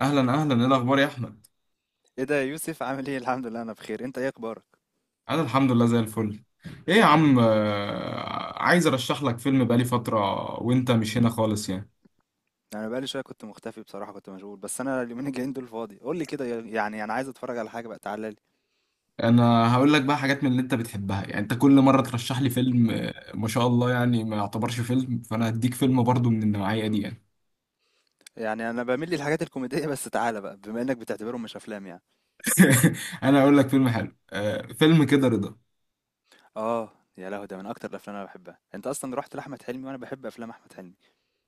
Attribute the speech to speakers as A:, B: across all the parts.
A: اهلا اهلا، ايه الاخبار يا احمد؟
B: ايه ده يا يوسف؟ عامل ايه؟ الحمد لله انا بخير. انت ايه اخبارك؟
A: انا الحمد لله زي الفل. ايه يا عم، عايز ارشح لك فيلم بقالي فتره، وانت مش هنا خالص يعني.
B: انا بقالي شويه كنت مختفي بصراحه، كنت مشغول، بس انا اليومين الجايين دول فاضي. قول لي كده يعني، انا عايز اتفرج على حاجه بقى، تعالى لي.
A: انا هقول لك بقى حاجات من اللي انت بتحبها، يعني انت كل مره ترشح لي فيلم ما شاء الله، يعني ما يعتبرش فيلم، فانا هديك فيلم برضو من النوعيه دي يعني.
B: يعني انا بميل للحاجات الكوميديه، بس تعالى بقى بما انك بتعتبرهم مش افلام يعني.
A: انا هقول لك فيلم حلو، فيلم كده رضا.
B: اه، يا لهوي، ده من اكتر الافلام اللي انا بحبها. انت اصلا رحت لاحمد حلمي وانا بحب افلام احمد حلمي.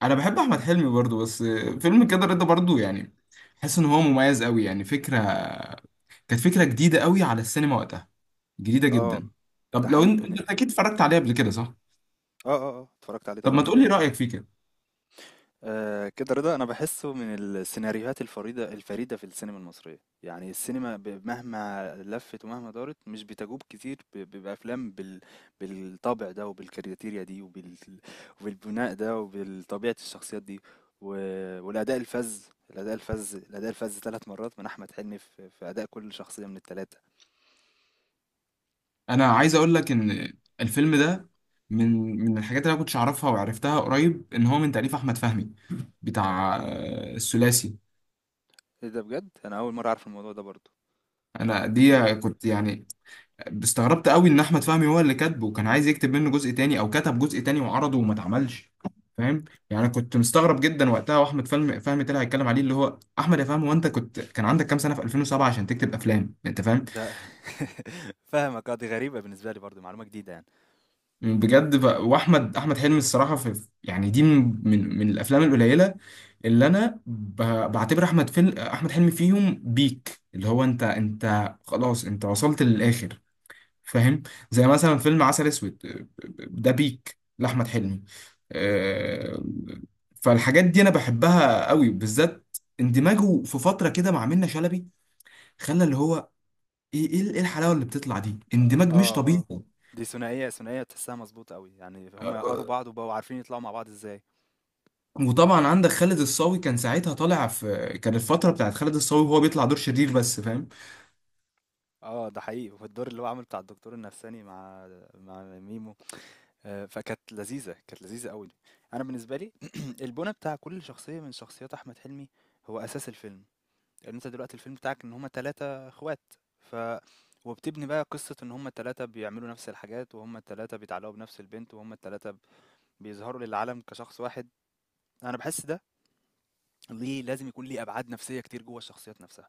A: انا بحب احمد حلمي برضو، بس فيلم كده رضا برضو يعني. حاسس ان هو مميز قوي، يعني فكره كانت فكرة جديدة قوي على السينما وقتها، جديدة جدا.
B: اه ده
A: طب لو
B: حقيقي.
A: انت
B: من
A: انت
B: إيه؟
A: اكيد اتفرجت عليه قبل كده صح؟
B: اه اه اه اتفرجت عليه
A: طب ما
B: طبعا.
A: تقولي رأيك فيه كده.
B: آه كده رضا، انا بحسه من السيناريوهات الفريدة في السينما المصرية. يعني السينما مهما لفت ومهما دارت مش بتجوب كتير بافلام بالطابع ده، وبالكارياتيريا دي، وبالبناء ده، وبالطبيعة الشخصيات دي، والاداء الفذ، الاداء الفذ ثلاث مرات من احمد حلمي في اداء كل شخصية من الثلاثة.
A: انا عايز اقول لك ان الفيلم ده من الحاجات اللي انا كنتش اعرفها وعرفتها قريب، ان هو من تأليف احمد فهمي، بتاع الثلاثي.
B: ايه ده بجد، انا اول مرة اعرف الموضوع ده برضو.
A: انا
B: دي-
A: دي كنت يعني استغربت قوي ان احمد فهمي هو اللي كاتبه، وكان عايز يكتب منه جزء تاني او كتب جزء تاني وعرضه وما اتعملش. فاهم؟ يعني كنت مستغرب جدا وقتها، واحمد فهمي طلع يتكلم عليه، اللي هو احمد يا فهمي، وانت كنت كان عندك كام سنه في 2007 عشان تكتب افلام، انت فاهم؟
B: ده فاهمك. آه، دي غريبة بالنسبة لي برضو، معلومة جديدة يعني.
A: بجد. واحمد حلمي الصراحه، في يعني دي من الافلام القليله اللي انا بعتبر احمد فيلم احمد حلمي فيهم بيك، اللي هو انت خلاص انت وصلت للاخر، فاهم؟ زي مثلا فيلم عسل اسود، ده بيك لاحمد حلمي. آه، فالحاجات دي انا بحبها قوي، بالذات اندماجه في فتره كده مع منة شلبي، خلى اللي هو ايه ايه إيه الحلاوه اللي بتطلع دي،
B: آه
A: اندماج مش طبيعي.
B: آه، دي ثنائية تحسها مظبوطة أوي، يعني هما يقروا
A: آه،
B: بعض وبقوا عارفين يطلعوا مع بعض ازاي.
A: وطبعا عندك خالد الصاوي، كان ساعتها طالع في، كان الفتره بتاعت خالد الصاوي وهو بيطلع دور شرير بس، فاهم؟
B: اه ده حقيقي. والدور اللي هو عامل بتاع الدكتور النفساني مع مع ميمو، آه، فكانت لذيذة، كانت لذيذة أوي. أنا بالنسبة لي البناء بتاع كل شخصية من شخصيات أحمد حلمي هو أساس الفيلم، لأن أنت دلوقتي الفيلم بتاعك إن هما تلاتة إخوات، ف وبتبني بقى قصة إن هما التلاتة بيعملوا نفس الحاجات، وهما التلاتة بيتعلقوا بنفس البنت، وهما التلاتة بيظهروا للعالم كشخص واحد. أنا بحس ده ليه لازم يكون ليه أبعاد نفسية كتير جوّه الشخصيات نفسها.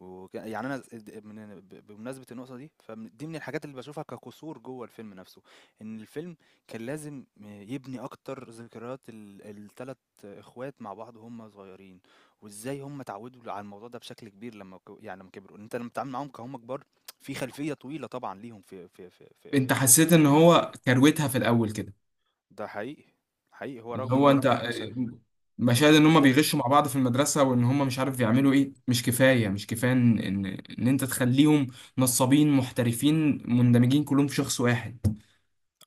B: يعني أنا س د من ب بمناسبة النقطة دي، فدي من الحاجات اللي باشوفها كقصور جوّه الفيلم نفسه. إن الفيلم كان لازم يبني أكتر ذكريات ال3 إخوات مع بعض وهُم صغيرين، وإزاي هُم اتعودوا على الموضوع ده بشكل كبير لمّا يعني لمّا كبروا، إن أنت لمّا بتتعامل معاهم كهُم كبار في خلفية طويلة طبعًا ليهم في في في في
A: انت
B: في في ال
A: حسيت
B: في
A: ان هو كروتها في الاول كده؟
B: ده حقيقي، حقيقي. هو
A: اللي
B: رغم إن
A: هو
B: هو ادّى
A: انت
B: لك مشا
A: مشاهد ان هم
B: اد
A: بيغشوا مع بعض في المدرسه، وان هم مش عارف بيعملوا ايه، مش كفايه، مش كفايه ان انت تخليهم نصابين محترفين مندمجين كلهم في شخص واحد.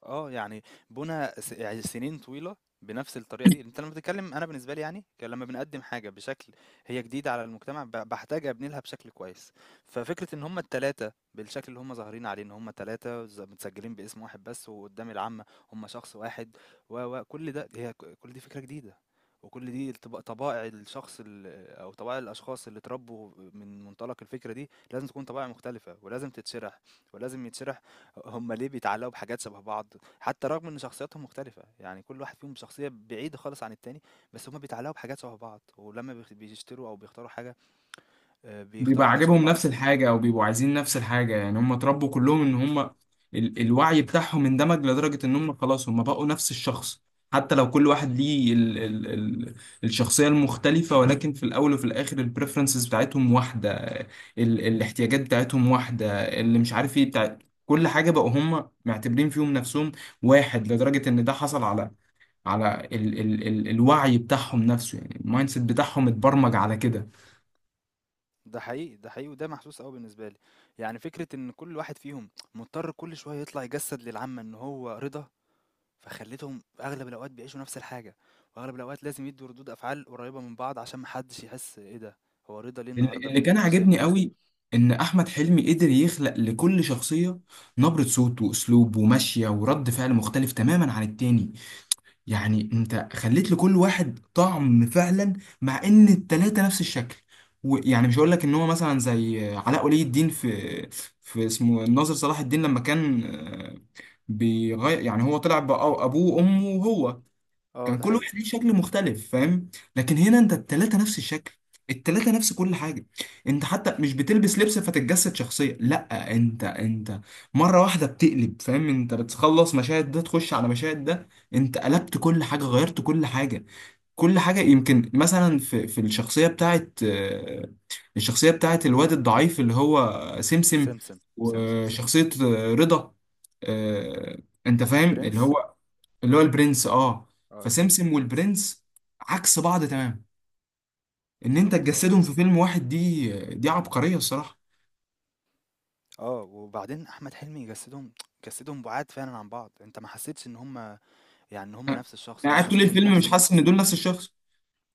B: آه، يعني بُنى س يعني سنين طويلة بنفس الطريقة دي. أنت لمّا بتتكلم، أنا بالنسبة لي يعني، لمّا بنقدّم حاجة بشكل هي جديدة على المجتمع، باحتاج أبني لها بشكل كويس. ففكرة إن هُم ال3 بالشكل اللي هُم ظاهرين عليه، إن هُم 3 متسجلين باسم واحد بس، وقدّام العامة هُم شخص واحد، و، و، كل ده هي ك كل دي فكرة جديدة. وكل دي طبائع الشخص ال أو طبائع الأشخاص اللي اتربوا من منطلق الفكرة دي، لازم تكون طبائع مختلفة، ولازم تتشرح، ولازم يتشرح هم ليه بيتعلقوا بحاجات شبه بعض، حتى رغم ان شخصياتهم مختلفة. يعني كل واحد فيهم شخصية بعيدة خالص عن التاني، بس هم بيتعلقوا بحاجات شبه بعض، ولما بيشتروا او بيختاروا حاجة، آه، بيختاروا
A: بيبقى
B: حاجات شبه
A: عاجبهم
B: بعض.
A: نفس الحاجة أو بيبقوا عايزين نفس الحاجة، يعني هم اتربوا كلهم إن هم الوعي بتاعهم اندمج لدرجة إن هم خلاص هم بقوا نفس الشخص. حتى لو كل واحد ليه ال ال ال الشخصية المختلفة، ولكن في الأول وفي الآخر البريفرنسز بتاعتهم واحدة، الاحتياجات بتاعتهم واحدة، اللي مش عارف إيه بتاع كل حاجة. بقوا هم معتبرين فيهم نفسهم واحد لدرجة إن ده حصل على على ال ال ال الوعي بتاعهم نفسه، يعني المايند سيت بتاعهم اتبرمج على كده.
B: ده حقيقي، ده حقيقي، وده محسوس قوي بالنسبة لي. يعني فكرة ان كل واحد فيهم مضطر كل شوية يطلع يجسد للعامة ان هو رضا، فخلتهم اغلب الاوقات بيعيشوا نفس الحاجة، واغلب الاوقات لازم يدوا ردود افعال قريبة من بعض عشان محدش يحس ايه ده، هو رضا ليه
A: اللي
B: النهاردة
A: اللي كان
B: مش زي
A: عاجبني
B: امبارح.
A: قوي، ان احمد حلمي قدر يخلق لكل شخصيه نبره صوت واسلوب ومشيه ورد فعل مختلف تماما عن التاني. يعني انت خليت لكل واحد طعم فعلا، مع ان التلاته نفس الشكل. ويعني مش هقول لك ان هو مثلا زي علاء ولي الدين في اسمه الناظر صلاح الدين، لما كان بيغير، يعني هو طلع ابوه وامه وهو.
B: اه
A: كان
B: ده
A: كل
B: حقيقي.
A: واحد ليه شكل مختلف، فاهم؟ لكن هنا انت التلاتة نفس الشكل، التلاتة نفس كل حاجة. انت حتى مش بتلبس لبس فتتجسد شخصية، لا، انت مرة واحدة بتقلب، فاهم؟ انت بتخلص مشاهد ده تخش على مشاهد ده، انت قلبت كل حاجة، غيرت كل حاجة، كل حاجة. يمكن مثلا في الشخصية بتاعت الشخصية بتاعت الواد الضعيف اللي هو سمسم،
B: سمسم سمسم.
A: وشخصية رضا. آه، انت فاهم اللي
B: البرنس.
A: هو، اللي هو البرنس. اه.
B: آه البرنس
A: فسمسم
B: آه.
A: والبرنس عكس بعض تمام. ان انت
B: بالضبط آه.
A: تجسدهم في فيلم واحد، دي، دي عبقرية الصراحة.
B: آه، وبعدين أحمد حلمي جسّدهم بُعاد فعلًا عن بعض. أنت ما حسّيتش إن هُم يعني إن هُم نفس الشخص،
A: انا
B: ولا
A: قاعد طول
B: حسّيت إن
A: الفيلم
B: نفس
A: مش
B: م
A: حاسس ان دول نفس الشخص.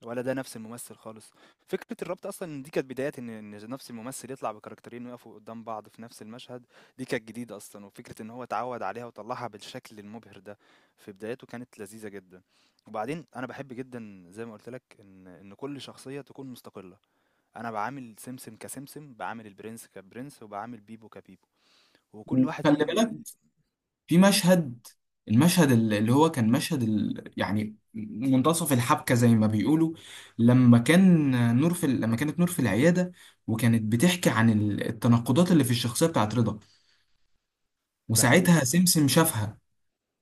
B: ولا ده نفس الممثل خالص. فكرة الربط أصلًا إن دي كانت بدايات إن نفس الممثل يطلع بكاركترين ويقفوا قدّام بعض في نفس المشهد، دي كانت جديدة أصلًا، وفكرة إن هو اتعوّد عليها وطلّعها بالشكل المبهر ده في بداياته كانت لذيذة جدًا. وبعدين أنا باحب جدًا زي ما قُلت لك إن كل شخصية تكون مستقلة. أنا باعامل سمسم كسمسم، باعامل البرنس كبرنس، وباعامل بيبو كبيبو، وكل
A: وخلي
B: واحد فيه ال
A: بالك
B: ال
A: في مشهد، المشهد اللي هو كان مشهد يعني منتصف الحبكة زي ما بيقولوا، لما كان نور في لما كانت نور في العيادة، وكانت بتحكي عن التناقضات اللي في الشخصية بتاعت رضا،
B: ده
A: وساعتها
B: حقيقي،
A: سمسم شافها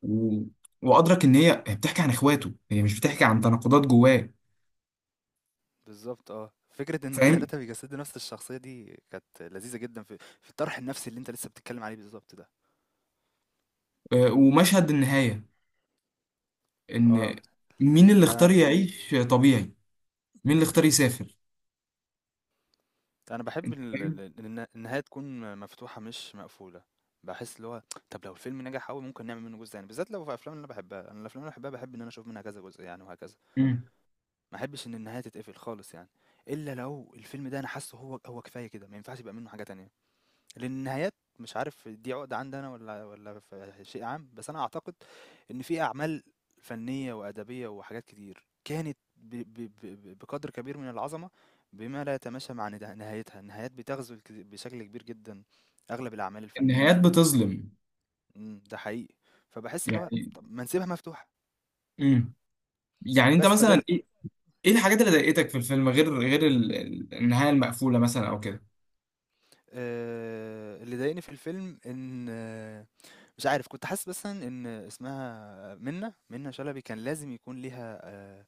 A: و... وادرك ان هي بتحكي عن اخواته، هي مش بتحكي عن تناقضات جواه.
B: بالضبط آه. فكرة إن
A: فاهم؟
B: ال3 بيجسدوا نفس الشخصية دي كانت لذيذة جدًا في في الطرح النفسي اللي أنت لسه بتتكلم عليه بالضبط ده.
A: ومشهد النهايه، ان
B: آه،
A: مين اللي اختار
B: أنا
A: يعيش طبيعي، مين اللي اختار يسافر؟
B: أنا باحب ال
A: فاهم؟
B: ال الن النهاية تكون مفتوحة مش مقفولة. باحس اللي هو طب لو الفيلم نجح أوي ممكن نعمل منه جزء تاني، بالذات لو في أفلام اللي أنا باحبها. أنا الأفلام اللي أنا باحبها باحب إن أنا أشوف منها كذا جزء يعني، وهكذا.
A: مم.
B: ما احبش إن النهاية تتقفل خالص يعني، إلا لو الفيلم ده أنا حاسه هو هو كفاية كده، ما ينفعش يبقى منه حاجة تانية. لأن النهايات مش عارف دي عقدة عندي أنا والّا في شيء عام، بس أنا أعتقد إن في أعمال فنية وأدبية وحاجات كتير كانت ب ب ب ب بقدر كبير من العظمة بما لا يتماشى مع نهايتها. النهايات بتغزو بشكل كبير جدًا أغلب الأعمال الفنية.
A: النهايات بتظلم،
B: إمم، ده حقيقي. فباحس اللي هو
A: يعني.
B: طب ما نسيبها مفتوحة.
A: مم. يعني انت
B: بس فده
A: مثلا ايه، ايه الحاجات اللي ضايقتك في الفيلم، غير النهايه المقفوله مثلا او كده؟
B: اللي ضايقني في الفيلم إن مش عارف، كنت حاسس بس ان اسمها منة شلبي كان لازم يكون ليها آه،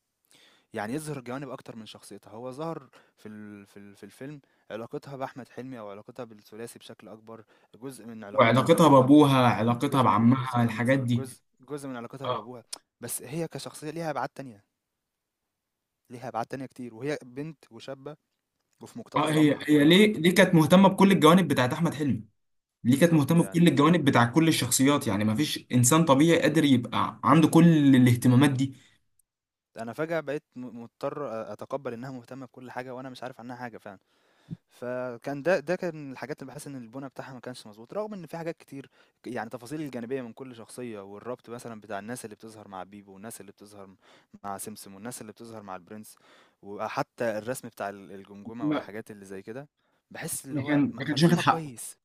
B: يعني يظهر جوانب اكتر من شخصيتها. هو ظهر في الفيلم علاقتها باحمد حلمي او علاقتها بالثلاثي بشكل اكبر. جزء من علاقتها ب-
A: وعلاقتها بابوها، علاقتها
B: جزء م- ولا لسه
A: بعمها،
B: هقولها.
A: الحاجات دي.
B: جزء من علاقتها
A: اه.
B: بابوها، بس هي كشخصية ليها ابعاد تانية، ليها ابعاد تانية كتير، وهي بنت وشابة وفي
A: اه،
B: مقتبل
A: هي
B: العمر
A: هي
B: حرفيا.
A: ليه كانت مهتمه بكل الجوانب بتاعت احمد حلمي؟ دي كانت
B: بالظبط
A: مهتمة
B: يعني،
A: بكل الجوانب بتاع كل الشخصيات، يعني ما فيش إنسان طبيعي قادر يبقى عنده كل الاهتمامات دي.
B: انا فجأة بقيت مضطر اتقبل انها مهتمة بكل حاجة وانا مش عارف عنها حاجة فعلا. فكان ده كان الحاجات اللي باحس إن البُنى بتاعها ما كانش مضبوط، رغم إن في حاجات كتير، يعني التفاصيل الجانبية من كل شخصية، والربط مثلًا بتاع الناس اللي بتظهر مع بيبو، والناس اللي بتظهر مع سمسم، والناس اللي بتظهر مع البرنس، وحتى الرسم بتاع الجمجمة
A: ما
B: والحاجات اللي زي كده، باحس اللي هو
A: ما كانش واخد
B: مرسومة
A: حقه.
B: كويس.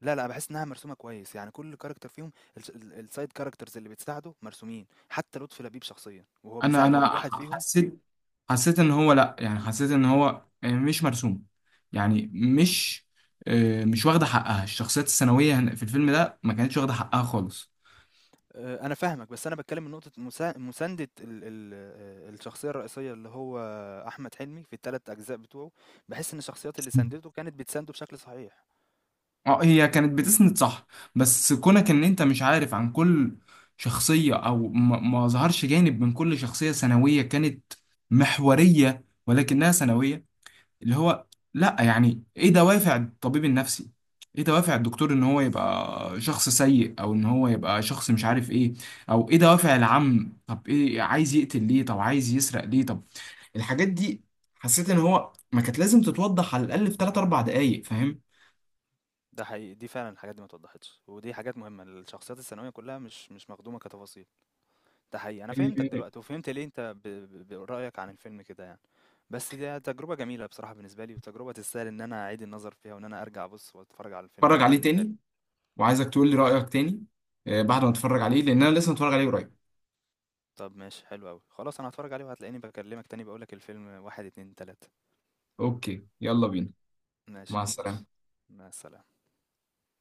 B: لا، لا باحس إنها مرسومة كويس. يعني كل character فيهم الس ال الside characters اللي بتساعده مرسومين، حتى لطفي لبيب شخصيًا، وهو
A: انا
B: بيساعد
A: انا
B: كل واحد فيهم.
A: حسيت حسيت ان هو، لا، يعني حسيت ان هو مش مرسوم، يعني مش، مش واخده حقها، الشخصيات الثانويه في الفيلم ده ما كانتش واخده حقها خالص.
B: أنا فاهمك، بس أنا باتكلّم من نقطة مساندة ال ال الشخصية الرئيسية اللي هو أحمد حلمي في ال3 أجزاء بتوعه. باحس إن الشخصيات اللي ساندته كانت بتسانده بشكل صحيح.
A: اه، هي كانت بتسند صح، بس كونك ان انت مش عارف عن كل شخصية، او ما ظهرش جانب من كل شخصية ثانوية كانت محورية ولكنها ثانوية، اللي هو لا، يعني ايه دوافع الطبيب النفسي، ايه دوافع الدكتور ان هو يبقى شخص سيء، او ان هو يبقى شخص مش عارف ايه، او ايه دوافع العم، طب ايه، عايز يقتل ليه، طب عايز يسرق ليه، طب، الحاجات دي. حسيت ان هو ما كانت لازم تتوضح على الاقل في 3 4 دقايق، فاهم؟
B: ده حقيقي، دي فعلًا الحاجات دي ما اتوضّحتش، ودي حاجات مهمة، الشخصيات الثانوية كلّها مش مخدومة كتفاصيل. ده حقيقي، أنا فهمتك
A: آه،
B: دلوقتي وفهمت ليه أنت ب ب رأيك عن الفيلم كده يعني. بس دي تجربة جميلة بصراحة بالنسبة لي، وتجربة تستاهل إن أنا أعيد النظر فيها وإن أنا أرجع أبُص وأتفرّج على الفيلم
A: اتفرج عليه
B: تاني وتالت.
A: تاني، وعايزك تقول لي رأيك تاني، بعد ما اتفرج عليه لان انا لسه متفرج عليه قريب.
B: طب ماشي، حلو أوي، خلاص أنا هاتفرّج عليه وهتلاقيني باكلّمك تاني باقول لك الفيلم 1، 2، 3.
A: اوكي، يلا بينا.
B: ماشي
A: مع
B: خلاص،
A: السلامة.
B: مع السلامة.